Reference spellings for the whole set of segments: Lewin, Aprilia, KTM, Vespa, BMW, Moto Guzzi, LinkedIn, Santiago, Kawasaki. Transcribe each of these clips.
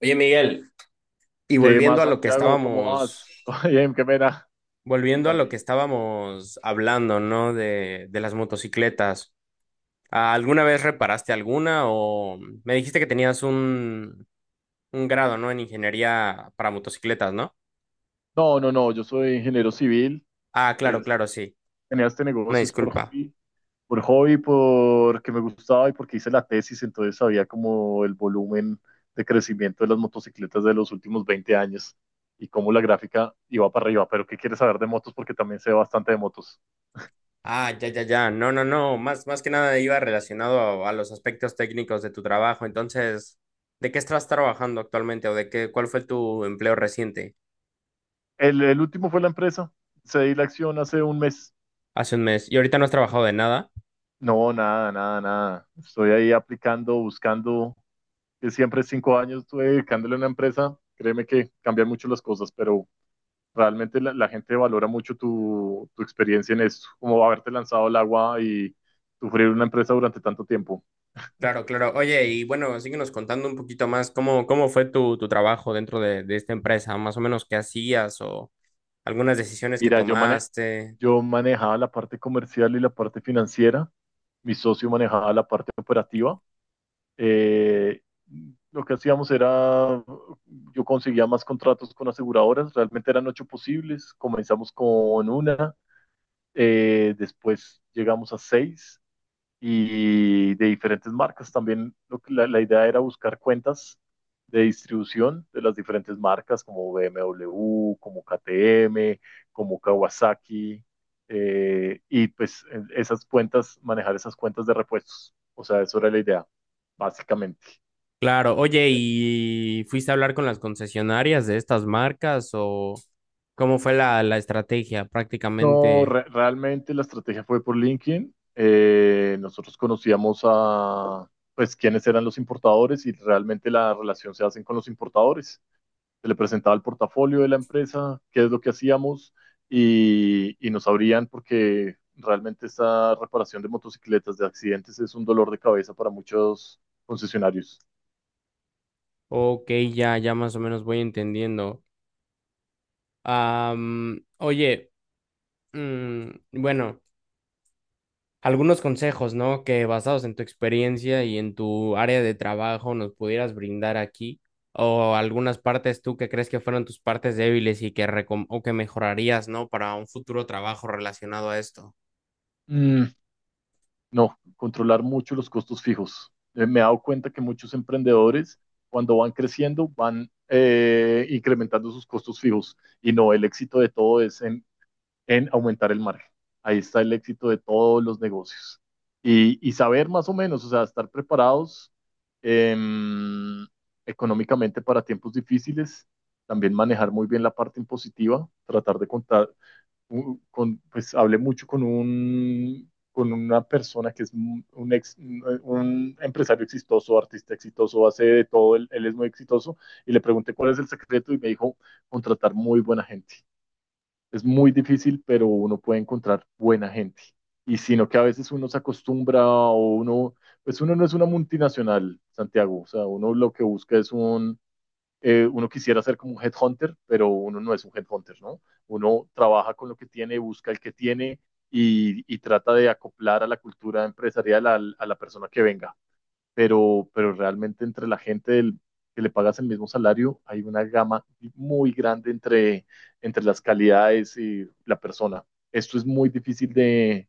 Oye, Miguel, y ¿Qué volviendo más, a lo que Santiago? ¿Cómo estábamos, vas? Oye, qué pena. volviendo a lo que Cuéntame. estábamos hablando, ¿no? De las motocicletas. ¿Alguna vez reparaste alguna o me dijiste que tenías un grado, ¿no? En ingeniería para motocicletas, ¿no? No, no, no, yo soy ingeniero civil. Ah, claro, es- claro, sí. Tenía este Una negocio es disculpa. Por hobby, porque me gustaba y porque hice la tesis, entonces sabía como el volumen de crecimiento de las motocicletas de los últimos 20 años y cómo la gráfica iba para arriba. Pero ¿qué quieres saber de motos? Porque también sé bastante de motos. Ah, ya, ya, ya. No, no, no. Más que nada iba relacionado a los aspectos técnicos de tu trabajo. Entonces, ¿de qué estás trabajando actualmente o de qué, cuál fue tu empleo reciente El último fue la empresa. Cedí la acción hace un mes. hace un mes? ¿Y ahorita no has trabajado de nada? No, nada, nada, nada. Estoy ahí aplicando, buscando. Que siempre 5 años estuve dedicándole a una empresa, créeme que cambian mucho las cosas, pero realmente la gente valora mucho tu experiencia en esto, como haberte lanzado al agua y sufrir una empresa durante tanto tiempo. Claro, claro. Oye, y bueno, síguenos contando un poquito más cómo, cómo fue tu trabajo dentro de esta empresa, más o menos qué hacías o algunas decisiones que Mira, tomaste. yo manejaba la parte comercial y la parte financiera, mi socio manejaba la parte operativa. Eh, lo que hacíamos era, yo conseguía más contratos con aseguradoras, realmente eran ocho posibles, comenzamos con una, después llegamos a seis y de diferentes marcas. También la idea era buscar cuentas de distribución de las diferentes marcas como BMW, como KTM, como Kawasaki, y pues esas cuentas, manejar esas cuentas de repuestos. O sea, eso era la idea, básicamente. Claro, oye, ¿y fuiste a hablar con las concesionarias de estas marcas o cómo fue la, la estrategia No, prácticamente? Realmente la estrategia fue por LinkedIn. Nosotros conocíamos a, pues, quiénes eran los importadores y realmente la relación se hacen con los importadores. Se le presentaba el portafolio de la empresa, qué es lo que hacíamos y nos abrían porque realmente esta reparación de motocicletas, de accidentes, es un dolor de cabeza para muchos concesionarios. Ok, ya, ya más o menos voy entendiendo. Oye, mm, bueno, algunos consejos, ¿no? Que basados en tu experiencia y en tu área de trabajo nos pudieras brindar aquí, o algunas partes tú que crees que fueron tus partes débiles y que o que mejorarías, ¿no? Para un futuro trabajo relacionado a esto. Mm. No, controlar mucho los costos fijos. Me he dado cuenta que muchos emprendedores, cuando van creciendo, van incrementando sus costos fijos. Y no, el éxito de todo es en aumentar el margen. Ahí está el éxito de todos los negocios. Y saber más o menos, o sea, estar preparados em, económicamente para tiempos difíciles, también manejar muy bien la parte impositiva, tratar de pues hablé mucho con una persona que es un ex, un empresario exitoso, artista exitoso, hace de todo, él es muy exitoso, y le pregunté cuál es el secreto y me dijo contratar muy buena gente. Es muy difícil, pero uno puede encontrar buena gente. Y sino que a veces uno se acostumbra o pues uno no es una multinacional, Santiago, o sea, uno lo que busca es un uno quisiera ser como un headhunter, pero uno no es un headhunter, ¿no? Uno trabaja con lo que tiene, busca el que tiene y trata de acoplar a la cultura empresarial a la persona que venga. Pero realmente entre la gente que le pagas el mismo salario, hay una gama muy grande entre las calidades y la persona. Esto es muy difícil de,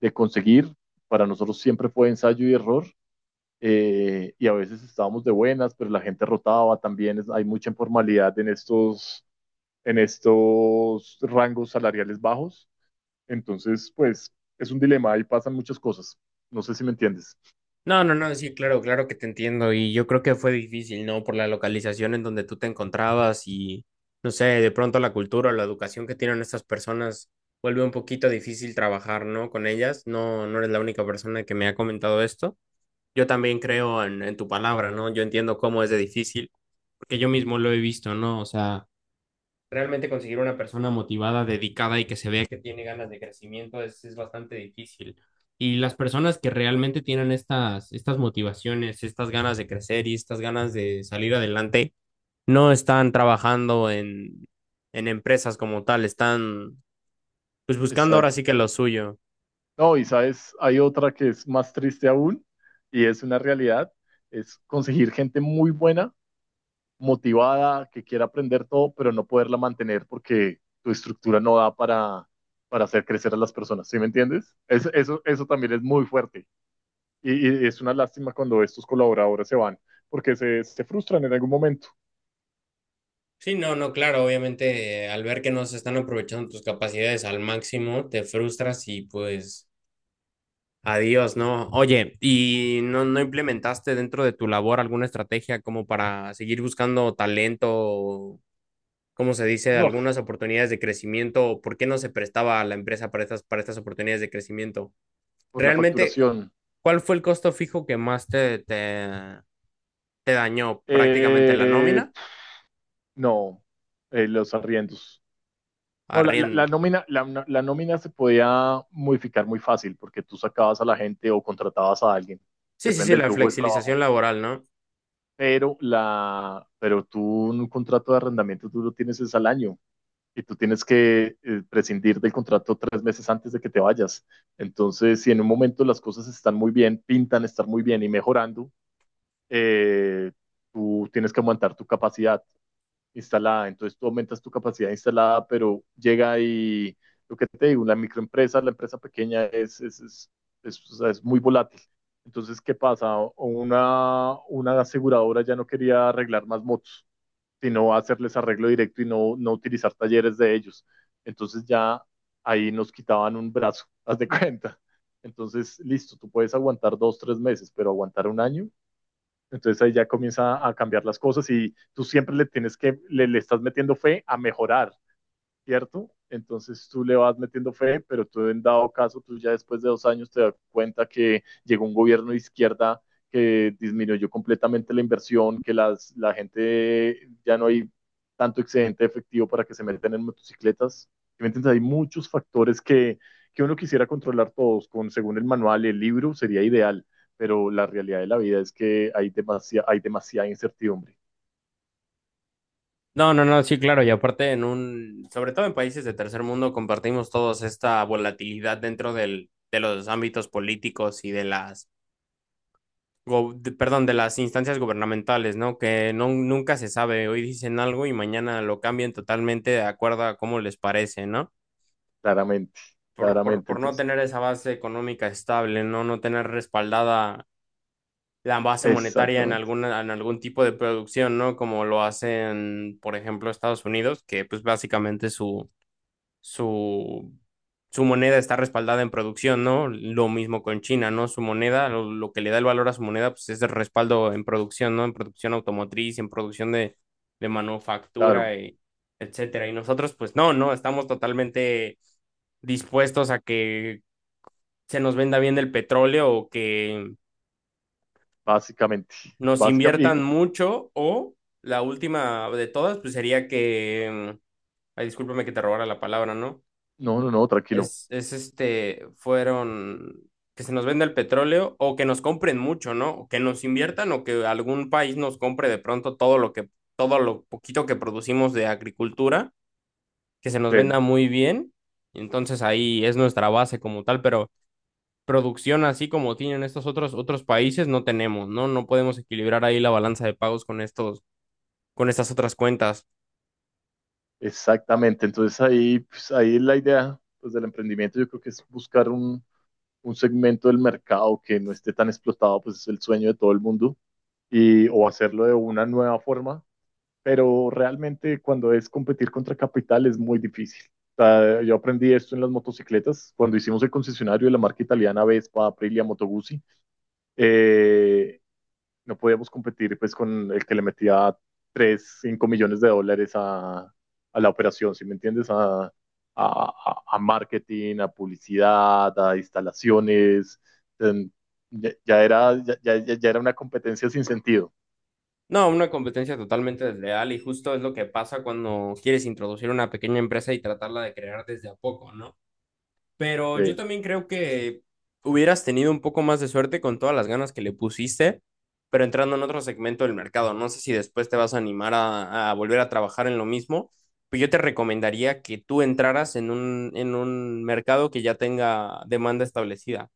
de conseguir. Para nosotros siempre fue ensayo y error y a veces estábamos de buenas, pero la gente rotaba también, hay mucha informalidad en estos rangos salariales bajos, entonces pues es un dilema, ahí pasan muchas cosas, no sé si me entiendes. No, no, no, sí, claro, claro que te entiendo y yo creo que fue difícil, ¿no? Por la localización en donde tú te encontrabas y no sé, de pronto la cultura o la educación que tienen estas personas vuelve un poquito difícil trabajar, ¿no? Con ellas. No, no eres la única persona que me ha comentado esto. Yo también creo en tu palabra, ¿no? Yo entiendo cómo es de difícil, porque yo mismo lo he visto, ¿no? O sea, realmente conseguir una persona motivada, dedicada y que se vea que tiene ganas de crecimiento es bastante difícil. Y las personas que realmente tienen estas, estas motivaciones, estas ganas de crecer y estas ganas de salir adelante, no están trabajando en empresas como tal, están pues buscando ahora Exacto. sí que lo suyo. No, y sabes, hay otra que es más triste aún, y es una realidad, es conseguir gente muy buena motivada, que quiera aprender todo, pero no poderla mantener porque tu estructura no da para hacer crecer a las personas, ¿sí me entiendes? Eso también es muy fuerte y, y, es una lástima cuando estos colaboradores se van porque se frustran en algún momento. Sí, no, no, claro, obviamente al ver que no se están aprovechando tus capacidades al máximo, te frustras y pues adiós, ¿no? Oye, ¿y no, no implementaste dentro de tu labor alguna estrategia como para seguir buscando talento, o, como se dice, No, algunas oportunidades de crecimiento? ¿O por qué no se prestaba a la empresa para estas oportunidades de crecimiento? por la Realmente, facturación. ¿cuál fue el costo fijo que más te dañó? ¿Prácticamente la Eh, nómina? no, los arriendos. No, la, la, la Arriendo. nómina, la, la nómina se podía modificar muy fácil porque tú sacabas a la gente o contratabas a alguien. Sí, sí, sí, Depende del la flujo del flexibilización trabajo laboral, ¿no? pero pero tú un contrato de arrendamiento tú lo tienes es al año y tú tienes que prescindir del contrato 3 meses antes de que te vayas. Entonces, si en un momento las cosas están muy bien, pintan estar muy bien y mejorando, eh, tú tienes que aumentar tu capacidad instalada. Entonces tú aumentas tu capacidad instalada, pero llega y lo que te digo, la microempresa, la empresa pequeña es, o sea, es muy volátil. Entonces, ¿qué pasa? Una aseguradora ya no quería arreglar más motos, sino hacerles arreglo directo y no utilizar talleres de ellos. Entonces ya ahí nos quitaban un brazo, haz de cuenta. Entonces, listo, tú puedes aguantar 2, 3 meses, pero aguantar un año, entonces ahí ya comienza a cambiar las cosas y tú siempre le tienes que, le estás metiendo fe a mejorar, ¿cierto? Entonces tú le vas metiendo fe, pero tú en dado caso, tú ya después de 2 años te das cuenta que llegó un gobierno de izquierda que disminuyó completamente la inversión, que la gente ya no hay tanto excedente efectivo para que se metan en motocicletas. ¿Sí? ¿Me entiendes? Hay muchos factores que uno quisiera controlar todos, según el manual, el libro sería ideal, pero la realidad de la vida es que hay demasiada incertidumbre, No, no, no, sí, claro, y aparte sobre todo en países de tercer mundo, compartimos todos esta volatilidad dentro del, de los ámbitos políticos y de las, perdón, de las instancias gubernamentales, ¿no? Que no, nunca se sabe, hoy dicen algo y mañana lo cambian totalmente de acuerdo a cómo les parece, ¿no? claramente, Por, por, claramente. por no Entonces, tener esa base económica estable, ¿no? No tener respaldada la base monetaria en exactamente, alguna, en algún tipo de producción, ¿no? Como lo hacen, por ejemplo, Estados Unidos, que pues básicamente su, su moneda está respaldada en producción, ¿no? Lo mismo con China, ¿no? Su moneda, lo que le da el valor a su moneda, pues es el respaldo en producción, ¿no? En producción automotriz, en producción de claro. manufactura, y etcétera. Y nosotros, pues no, no, estamos totalmente dispuestos a que se nos venda bien el petróleo o que Básicamente, nos básicamente, inviertan y mucho o la última de todas, pues sería que, ay, discúlpame que te robara la palabra, ¿no? no, no, no, tranquilo. Es este, fueron que se nos venda el petróleo o que nos compren mucho, ¿no? O que nos inviertan o que algún país nos compre de pronto todo lo que, todo lo poquito que producimos de agricultura, que se nos venda Sí, muy bien. Y entonces ahí es nuestra base como tal, pero producción así como tienen estos otros, otros países no tenemos, ¿no? No podemos equilibrar ahí la balanza de pagos con estos, con estas otras cuentas. exactamente. Entonces ahí, pues, ahí la idea pues, del emprendimiento yo creo que es buscar un segmento del mercado que no esté tan explotado, pues es el sueño de todo el mundo, y, o hacerlo de una nueva forma, pero realmente cuando es competir contra capital es muy difícil. O sea, yo aprendí esto en las motocicletas, cuando hicimos el concesionario de la marca italiana Vespa, Aprilia, Moto Guzzi, eh, no podíamos competir pues con el que le metía 3 5 millones de dólares a la operación, ¿sí me entiendes? A marketing, a publicidad, a instalaciones. Ya era una competencia sin sentido. No, una competencia totalmente desleal y justo es lo que pasa cuando quieres introducir una pequeña empresa y tratarla de crear desde a poco, ¿no? Pero yo Sí, también creo que hubieras tenido un poco más de suerte con todas las ganas que le pusiste, pero entrando en otro segmento del mercado. No sé si después te vas a animar a volver a trabajar en lo mismo, pero yo te recomendaría que tú entraras en un mercado que ya tenga demanda establecida.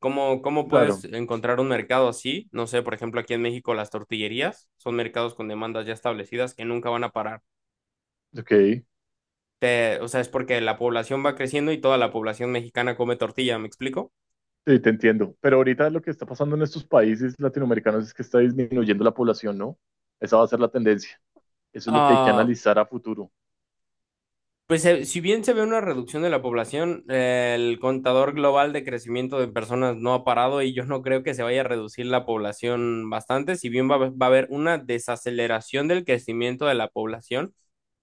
¿Cómo, cómo puedes claro, encontrar un mercado así? No sé, por ejemplo, aquí en México las tortillerías son mercados con demandas ya establecidas que nunca van a parar. ok. O sea, es porque la población va creciendo y toda la población mexicana come tortilla, ¿me explico? Sí, te entiendo. Pero ahorita lo que está pasando en estos países latinoamericanos es que está disminuyendo la población, ¿no? Esa va a ser la tendencia. Eso es lo que hay que Ah, analizar a futuro. pues si bien se ve una reducción de la población, el contador global de crecimiento de personas no ha parado y yo no creo que se vaya a reducir la población bastante, si bien va a haber una desaceleración del crecimiento de la población,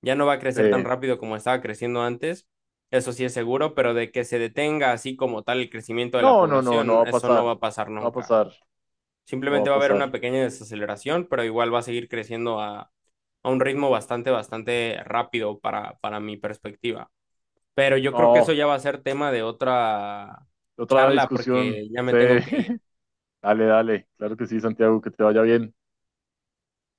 ya no va a Sí. crecer tan rápido como estaba creciendo antes, eso sí es seguro, pero de que se detenga así como tal el crecimiento de No, la no, no, no va población, a eso no pasar. va a pasar No va a nunca. pasar. No va Simplemente a va a haber pasar. una pequeña desaceleración, pero igual va a seguir creciendo a un ritmo bastante, bastante rápido para mi perspectiva. Pero yo creo que eso No, ya va a ser tema de otra otra charla discusión. porque ya me Sí. tengo que ir. Dale, dale. Claro que sí, Santiago, que te vaya bien.